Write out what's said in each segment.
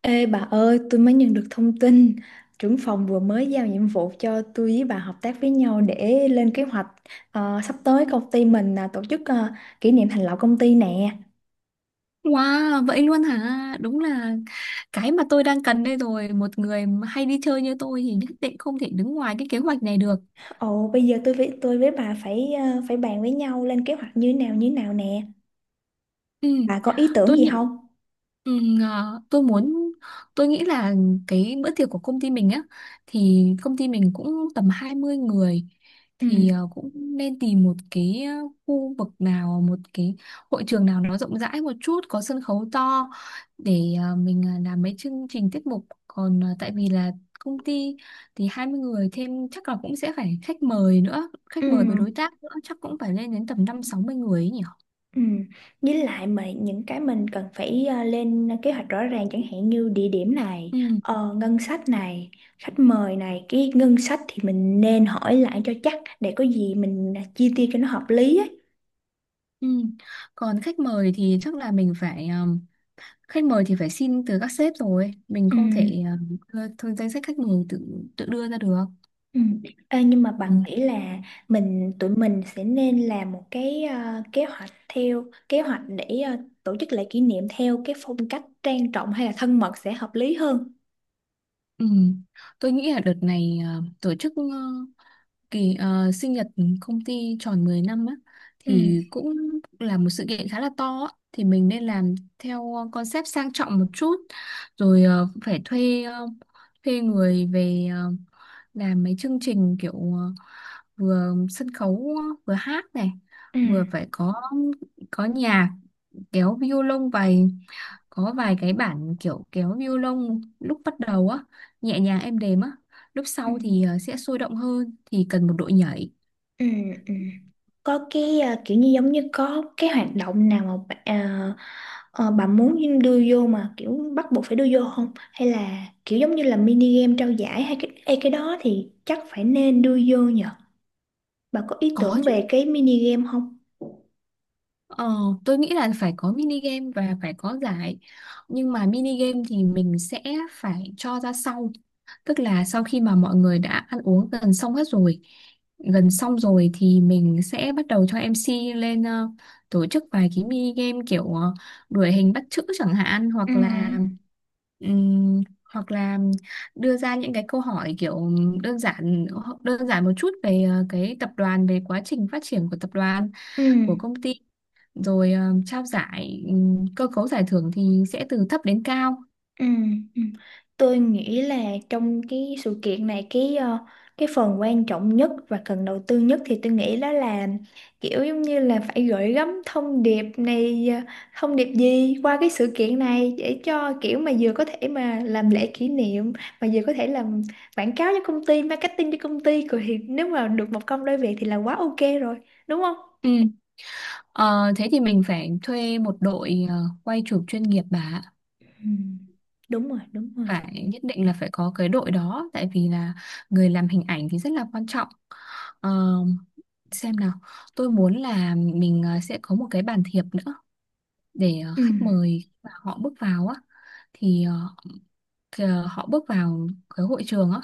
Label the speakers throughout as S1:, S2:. S1: Ê bà ơi, tôi mới nhận được thông tin trưởng phòng vừa mới giao nhiệm vụ cho tôi với bà hợp tác với nhau để lên kế hoạch. Sắp tới công ty mình là tổ chức kỷ niệm thành lập công ty nè.
S2: Wow, vậy luôn hả? Đúng là cái mà tôi đang cần đây rồi. Một người mà hay đi chơi như tôi thì nhất định không thể đứng ngoài cái kế hoạch này được.
S1: Ồ, bây giờ tôi với bà phải phải bàn với nhau lên kế hoạch như thế nào nè.
S2: Ừ,
S1: Bà có ý tưởng
S2: tôi
S1: gì
S2: nghĩ
S1: không?
S2: Ừ, à, tôi muốn tôi nghĩ là cái bữa tiệc của công ty mình á thì công ty mình cũng tầm 20 người,
S1: Ừ.
S2: thì cũng nên tìm một cái khu vực nào, một cái hội trường nào nó rộng rãi một chút, có sân khấu to để mình làm mấy chương trình tiết mục, còn tại vì là công ty thì 20 người, thêm chắc là cũng sẽ phải khách mời nữa, khách
S1: Ừ.
S2: mời với đối tác nữa chắc cũng phải lên đến tầm 50-60 người ấy nhỉ.
S1: Ừ. Với lại mà những cái mình cần phải lên kế hoạch rõ ràng chẳng hạn như địa điểm này,
S2: Ừ.
S1: ngân sách này, khách mời này, cái ngân sách thì mình nên hỏi lại cho chắc để có gì mình chia tiêu cho nó hợp lý ấy.
S2: Ừ. Còn khách mời thì chắc là mình phải khách mời thì phải xin từ các sếp, rồi mình
S1: Ừ.
S2: không thể thôi danh sách khách mời tự tự đưa ra được.
S1: Ừ. Ê, nhưng mà
S2: Ừ.
S1: bạn nghĩ là tụi mình sẽ nên làm một cái kế hoạch theo kế hoạch để tổ chức lễ kỷ niệm theo cái phong cách trang trọng hay là thân mật sẽ hợp lý hơn.
S2: Ừ. Tôi nghĩ là đợt này tổ chức kỳ sinh nhật công ty tròn 10 năm á,
S1: Ừ.
S2: thì cũng là một sự kiện khá là to á. Thì mình nên làm theo concept sang trọng một chút, rồi phải thuê thuê người về làm mấy chương trình kiểu vừa sân khấu, vừa hát này,
S1: Ừ.
S2: vừa phải có nhạc kéo violon, vài có vài cái bản kiểu kéo violon lúc bắt đầu á, nhẹ nhàng êm đềm á, lúc
S1: Ừ.
S2: sau thì sẽ sôi động hơn thì cần một đội nhảy.
S1: Ừ, ừ. Có cái kiểu như giống như có cái hoạt động nào mà bà muốn đưa vô mà kiểu bắt buộc phải đưa vô không? Hay là kiểu giống như là mini game trao giải hay cái đó thì chắc phải nên đưa vô nhờ. Bà có ý
S2: Có
S1: tưởng
S2: chứ.
S1: về cái mini game không?
S2: Ờ, tôi nghĩ là phải có mini game và phải có giải. Nhưng mà mini game thì mình sẽ phải cho ra sau. Tức là sau khi mà mọi người đã ăn uống gần xong hết rồi, gần xong rồi thì mình sẽ bắt đầu cho MC lên tổ chức vài cái mini game kiểu đuổi hình bắt chữ chẳng hạn,
S1: Ừ.
S2: ừm, hoặc là đưa ra những cái câu hỏi kiểu đơn giản, đơn giản một chút về cái tập đoàn, về quá trình phát triển của tập đoàn,
S1: Ừ.
S2: của công ty, rồi trao giải. Cơ cấu giải thưởng thì sẽ từ thấp đến cao.
S1: Ừ, ừ. Tôi nghĩ là trong cái sự kiện này cái phần quan trọng nhất và cần đầu tư nhất thì tôi nghĩ đó là kiểu giống như là phải gửi gắm thông điệp này, thông điệp gì qua cái sự kiện này để cho kiểu mà vừa có thể mà làm lễ kỷ niệm mà vừa có thể làm quảng cáo cho công ty, marketing cho công ty, rồi thì nếu mà được một công đôi việc thì là quá ok rồi, đúng không?
S2: Ừ. Ờ, thế thì mình phải thuê một đội quay chụp chuyên nghiệp bà ạ.
S1: Ừ, đúng rồi, đúng rồi.
S2: Phải nhất định là phải có cái đội đó, tại vì là người làm hình ảnh thì rất là quan trọng. Ờ, xem nào, tôi muốn là mình sẽ có một cái bàn thiệp nữa, để khách mời mà họ bước vào á, thì họ bước vào cái hội trường á,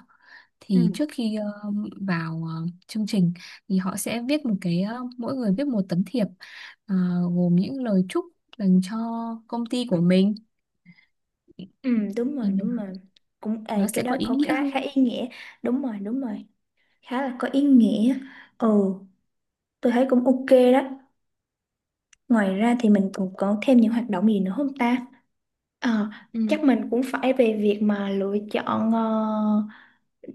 S1: Ừ.
S2: thì trước khi vào chương trình thì họ sẽ viết một cái mỗi người viết một tấm thiệp, ờ, gồm những lời chúc dành cho công ty của mình,
S1: Ừ, đúng
S2: thì
S1: rồi, đúng rồi. Cũng
S2: nó
S1: ê,
S2: sẽ
S1: cái đó
S2: có ý
S1: cũng
S2: nghĩa
S1: khá
S2: hơn.
S1: khá ý nghĩa. Đúng rồi, đúng rồi. Khá là có ý nghĩa. Ừ, tôi thấy cũng ok đó. Ngoài ra thì mình còn có thêm những hoạt động gì nữa không ta? Ờ,
S2: Ừ.
S1: chắc mình cũng phải về việc mà lựa chọn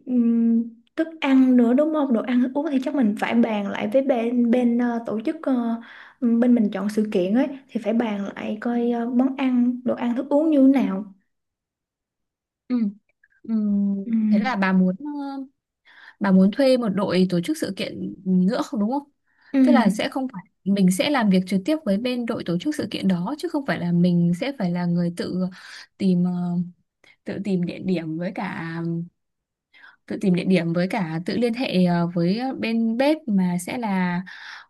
S1: ừm, thức ăn nữa, đúng không? Đồ ăn thức uống thì chắc mình phải bàn lại với bên bên ờ, tổ chức, bên mình chọn sự kiện ấy, thì phải bàn lại coi món ăn, đồ ăn thức uống như thế nào.
S2: Ừ. Ừ.
S1: Ừ.
S2: Thế là bà muốn bà muốn thuê một đội tổ chức sự kiện nữa không, đúng không?
S1: Ừ.
S2: Tức là sẽ không phải mình sẽ làm việc trực tiếp với bên đội tổ chức sự kiện đó, chứ không phải là mình sẽ phải là người tự tìm tự tìm địa điểm với cả tự liên hệ với bên bếp, mà sẽ là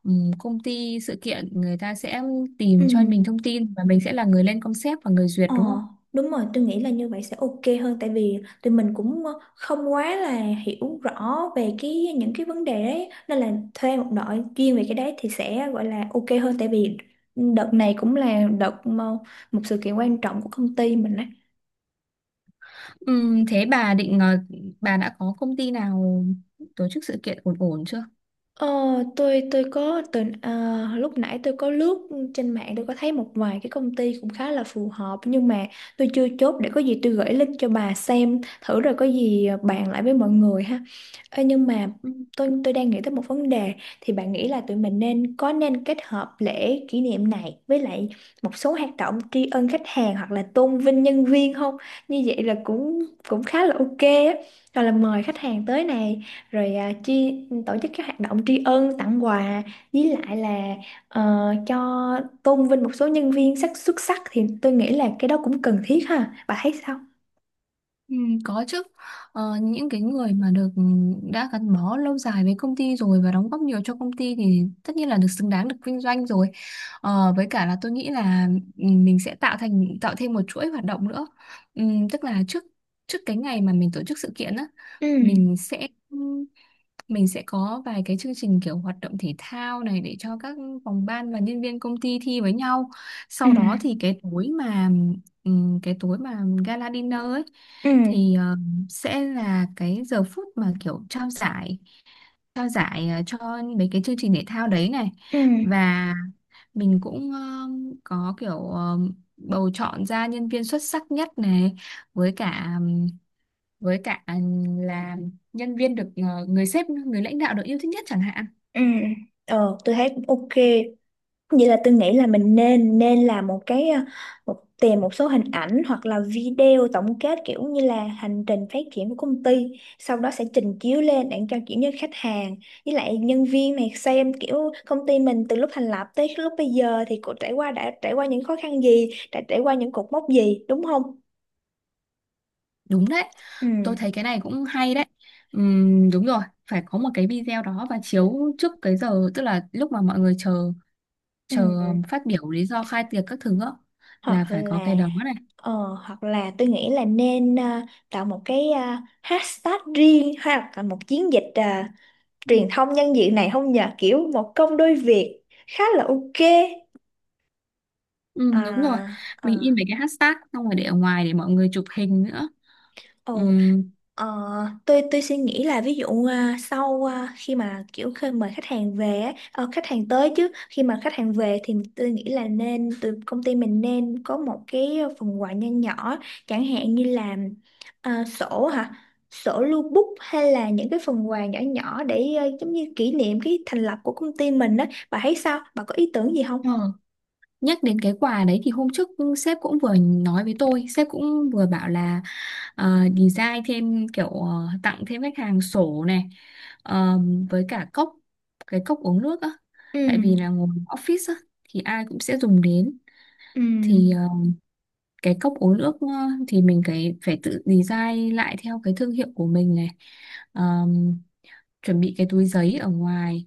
S2: công ty sự kiện người ta sẽ tìm
S1: Ừ.
S2: cho mình thông tin, và mình sẽ là người lên concept và người duyệt,
S1: Ờ,
S2: đúng không?
S1: đúng rồi, tôi nghĩ là như vậy sẽ ok hơn tại vì tụi mình cũng không quá là hiểu rõ về cái những cái vấn đề đấy nên là thuê một đội chuyên về cái đấy thì sẽ gọi là ok hơn, tại vì đợt này cũng là đợt mà một sự kiện quan trọng của công ty mình đấy.
S2: Thế bà định ờ, bà đã có công ty nào tổ chức sự kiện ổn ổn chưa?
S1: Ờ, tôi có từ lúc nãy tôi có lướt trên mạng, tôi có thấy một vài cái công ty cũng khá là phù hợp nhưng mà tôi chưa chốt, để có gì tôi gửi link cho bà xem thử rồi có gì bàn lại với mọi người ha. Ê, nhưng mà
S2: Ừ.
S1: tôi đang nghĩ tới một vấn đề, thì bạn nghĩ là tụi mình nên có nên kết hợp lễ kỷ niệm này với lại một số hoạt động tri ân khách hàng hoặc là tôn vinh nhân viên không? Như vậy là cũng cũng khá là ok á. Rồi là mời khách hàng tới nè, rồi à, tri tổ chức các hoạt động tri ân tặng quà, với lại là ờ, cho tôn vinh một số nhân viên xuất sắc thì tôi nghĩ là cái đó cũng cần thiết ha, bà thấy sao?
S2: Ừ, có chứ. Những cái người mà được, đã gắn bó lâu dài với công ty rồi và đóng góp nhiều cho công ty thì tất nhiên là được, xứng đáng được vinh doanh rồi. Ờ, với cả là tôi nghĩ là mình sẽ tạo thêm một chuỗi hoạt động nữa. Tức là trước trước cái ngày mà mình tổ chức sự kiện á,
S1: Ừ.
S2: mình sẽ mình sẽ có vài cái chương trình kiểu hoạt động thể thao này để cho các phòng ban và nhân viên công ty thi với nhau. Sau đó
S1: Ừ.
S2: thì cái tối mà gala dinner ấy,
S1: Ừ.
S2: thì sẽ là cái giờ phút mà kiểu trao giải, cho mấy cái chương trình thể thao đấy này,
S1: Ừ.
S2: và mình cũng có kiểu bầu chọn ra nhân viên xuất sắc nhất này, với cả với cả là nhân viên được người sếp, người lãnh đạo được yêu thích nhất chẳng hạn.
S1: Ừ. Ờ, tôi thấy cũng ok. Vậy là tôi nghĩ là mình nên nên làm một cái tìm một số hình ảnh hoặc là video tổng kết kiểu như là hành trình phát triển của công ty, sau đó sẽ trình chiếu lên để cho kiểu như khách hàng với lại nhân viên này xem kiểu công ty mình từ lúc thành lập tới lúc bây giờ thì cô trải qua đã trải qua những khó khăn gì, đã trải qua những cột mốc gì, đúng không?
S2: Đúng đấy,
S1: Ừ.
S2: tôi thấy cái này cũng hay đấy. Đúng rồi, phải có một cái video đó và chiếu trước cái giờ, tức là lúc mà mọi người chờ
S1: Ừ.
S2: chờ phát biểu lý do khai tiệc các thứ á,
S1: Hoặc
S2: là phải có
S1: là
S2: cái đó này.
S1: hoặc là tôi nghĩ là nên tạo một cái hashtag riêng hoặc là một chiến dịch
S2: Ừ.
S1: truyền thông nhân diện này không nhờ, kiểu một công đôi việc, khá là ok.
S2: Ừ, đúng rồi,
S1: à,
S2: mình in
S1: à,
S2: mấy cái hashtag xong rồi để ở ngoài để mọi người chụp hình nữa.
S1: ồ, ờ, tôi suy nghĩ là ví dụ sau khi mà kiểu khi mời khách hàng về á, khách hàng tới chứ khi mà khách hàng về thì tôi nghĩ là nên từ công ty mình nên có một cái phần quà nho nhỏ, chẳng hạn như là à, sổ hả sổ lưu bút hay là những cái phần quà nhỏ nhỏ để giống như kỷ niệm cái thành lập của công ty mình á, bà thấy sao, bà có ý tưởng gì không?
S2: Ừ. Nhắc đến cái quà đấy thì hôm trước sếp cũng vừa nói với tôi, sếp cũng vừa bảo là design thêm kiểu tặng thêm khách hàng sổ này, ờ, với cả cái cốc uống nước á.
S1: Ừ,
S2: Tại vì là ngồi office á thì ai cũng sẽ dùng đến,
S1: ừ,
S2: thì cái cốc uống nước thì mình cái phải tự design lại theo cái thương hiệu của mình này. Ờ, chuẩn bị cái túi giấy ở ngoài,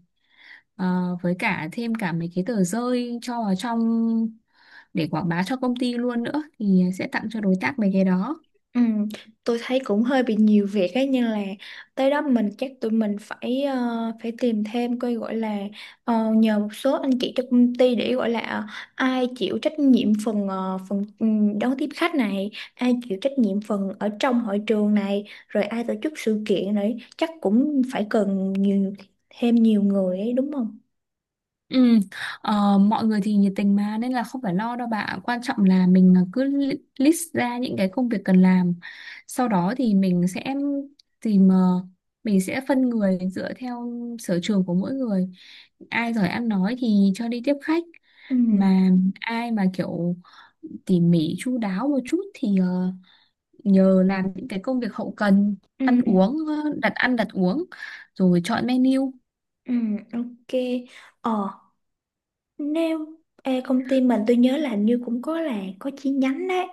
S2: với cả thêm cả mấy cái tờ rơi cho vào trong để quảng bá cho công ty luôn nữa, thì sẽ tặng cho đối tác mấy cái đó.
S1: ừ. Tôi thấy cũng hơi bị nhiều việc ấy nhưng là tới đó mình chắc tụi mình phải phải tìm thêm coi gọi là nhờ một số anh chị trong công ty để gọi là ai chịu trách nhiệm phần ờ, phần ừ, đón tiếp khách này, ai chịu trách nhiệm phần ở trong hội trường này, rồi ai tổ chức sự kiện đấy, chắc cũng phải cần thêm nhiều người ấy, đúng không?
S2: Ừ. Mọi người thì nhiệt tình mà, nên là không phải lo đâu bạn, quan trọng là mình cứ list ra những cái công việc cần làm, sau đó thì tìm ờ, mình sẽ phân người dựa theo sở trường của mỗi người. Ai giỏi ăn nói thì cho đi tiếp khách,
S1: Ừ,
S2: mà ai mà kiểu tỉ mỉ chu đáo một chút thì nhờ làm những cái công việc hậu cần,
S1: ừ,
S2: ăn uống, đặt ăn đặt uống rồi chọn menu.
S1: ừ, ok. Ờ, nếu ê, công ty mình tôi nhớ là hình như cũng có là có chi nhánh đấy,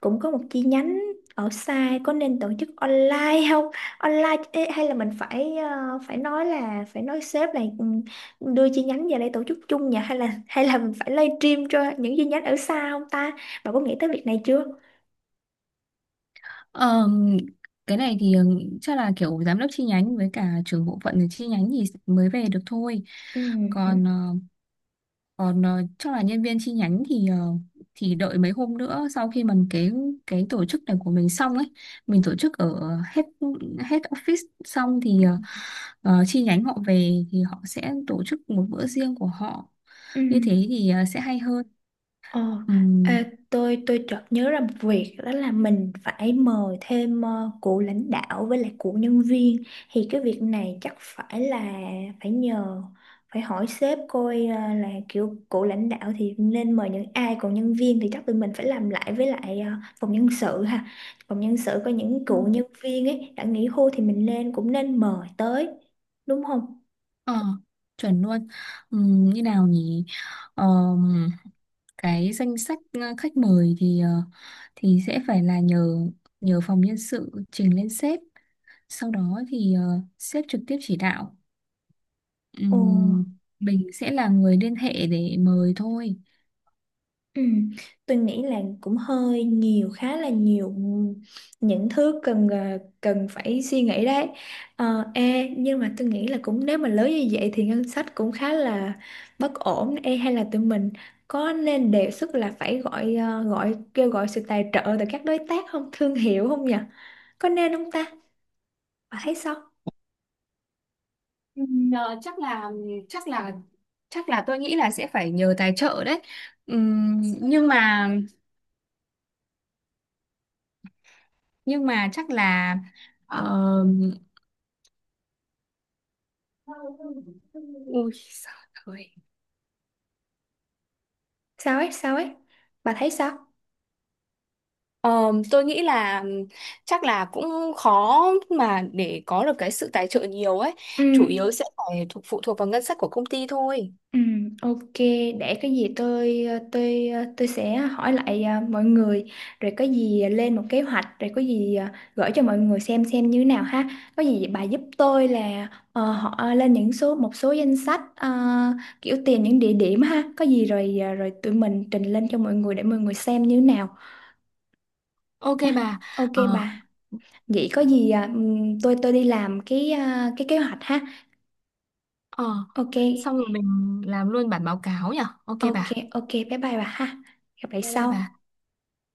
S1: cũng có một chi nhánh ở xa, có nên tổ chức online không, online ê, hay là mình phải ờ, phải nói là phải nói sếp là ừ, đưa chi nhánh về đây tổ chức chung nhỉ, hay là mình phải live stream cho những chi nhánh ở xa không ta, bà có nghĩ tới việc này chưa?
S2: Ờm, cái này thì chắc là kiểu giám đốc chi nhánh với cả trưởng bộ phận ở chi nhánh thì mới về được thôi. còn
S1: Ừ.
S2: ờ, Còn ờ, chắc là nhân viên chi nhánh thì thì đợi mấy hôm nữa, sau khi mà cái tổ chức này của mình xong ấy, mình tổ chức ở hết hết office xong thì chi nhánh họ về thì họ sẽ tổ chức một bữa riêng của họ.
S1: Ừ.
S2: Như thế thì sẽ hay hơn.
S1: Ờ,
S2: Ừm,
S1: tôi chợt nhớ ra một việc đó là mình phải mời thêm cụ lãnh đạo với lại cụ nhân viên, thì cái việc này chắc phải nhờ phải hỏi sếp coi là kiểu cụ lãnh đạo thì nên mời những ai, còn nhân viên thì chắc tụi mình phải làm lại với lại phòng nhân sự ha, phòng nhân sự có những cụ
S2: ừm,
S1: nhân viên ấy đã nghỉ hưu thì mình nên cũng nên mời tới, đúng không?
S2: Ờ, chuẩn luôn. Như nào nhỉ? Ờm, cái danh sách khách mời thì thì sẽ phải là nhờ nhờ phòng nhân sự trình lên sếp. Sau đó thì sếp trực tiếp chỉ đạo.
S1: Ồ.
S2: Ừm, mình sẽ là người liên hệ để mời thôi.
S1: Ừ, tôi nghĩ là cũng hơi nhiều, khá là nhiều những thứ cần cần phải suy nghĩ đấy. Ê, nhưng mà tôi nghĩ là cũng nếu mà lớn như vậy thì ngân sách cũng khá là bất ổn, ê, hay là tụi mình có nên đề xuất là phải gọi ờ, gọi kêu gọi sự tài trợ từ các đối tác không, thương hiệu không nhỉ, có nên không ta, bà thấy sao?
S2: Ừm, ờ, chắc là chắc là chắc là tôi nghĩ là sẽ phải nhờ tài trợ đấy. Ừm, nhưng mà nhưng mà chắc là ờ, ui giời ơi.
S1: Sao ấy sao ấy, bà thấy sao?
S2: Ờ, tôi nghĩ là chắc là cũng khó mà để có được cái sự tài trợ nhiều ấy.
S1: Ừ.
S2: Chủ yếu sẽ phải phụ thuộc vào ngân sách của công ty thôi.
S1: Ừ, ok, để cái gì tôi tôi sẽ hỏi lại mọi người rồi có gì lên một kế hoạch rồi có gì gửi cho mọi người xem như thế nào ha. Có gì bà giúp tôi là ờ, họ lên những số một số danh sách kiểu tìm những địa điểm ha. Có gì rồi rồi tụi mình trình lên cho mọi người để mọi người xem như thế nào
S2: Ok
S1: nhá.
S2: bà.
S1: Ok
S2: Ờ.
S1: bà. Vậy có gì tôi đi làm cái cái kế hoạch ha.
S2: Ờ,
S1: Ok.
S2: xong rồi mình làm luôn bản báo cáo nhỉ? Ok
S1: Ok,
S2: bà.
S1: ok, bye bye bà ha. Gặp lại
S2: Bye bye bà.
S1: sau.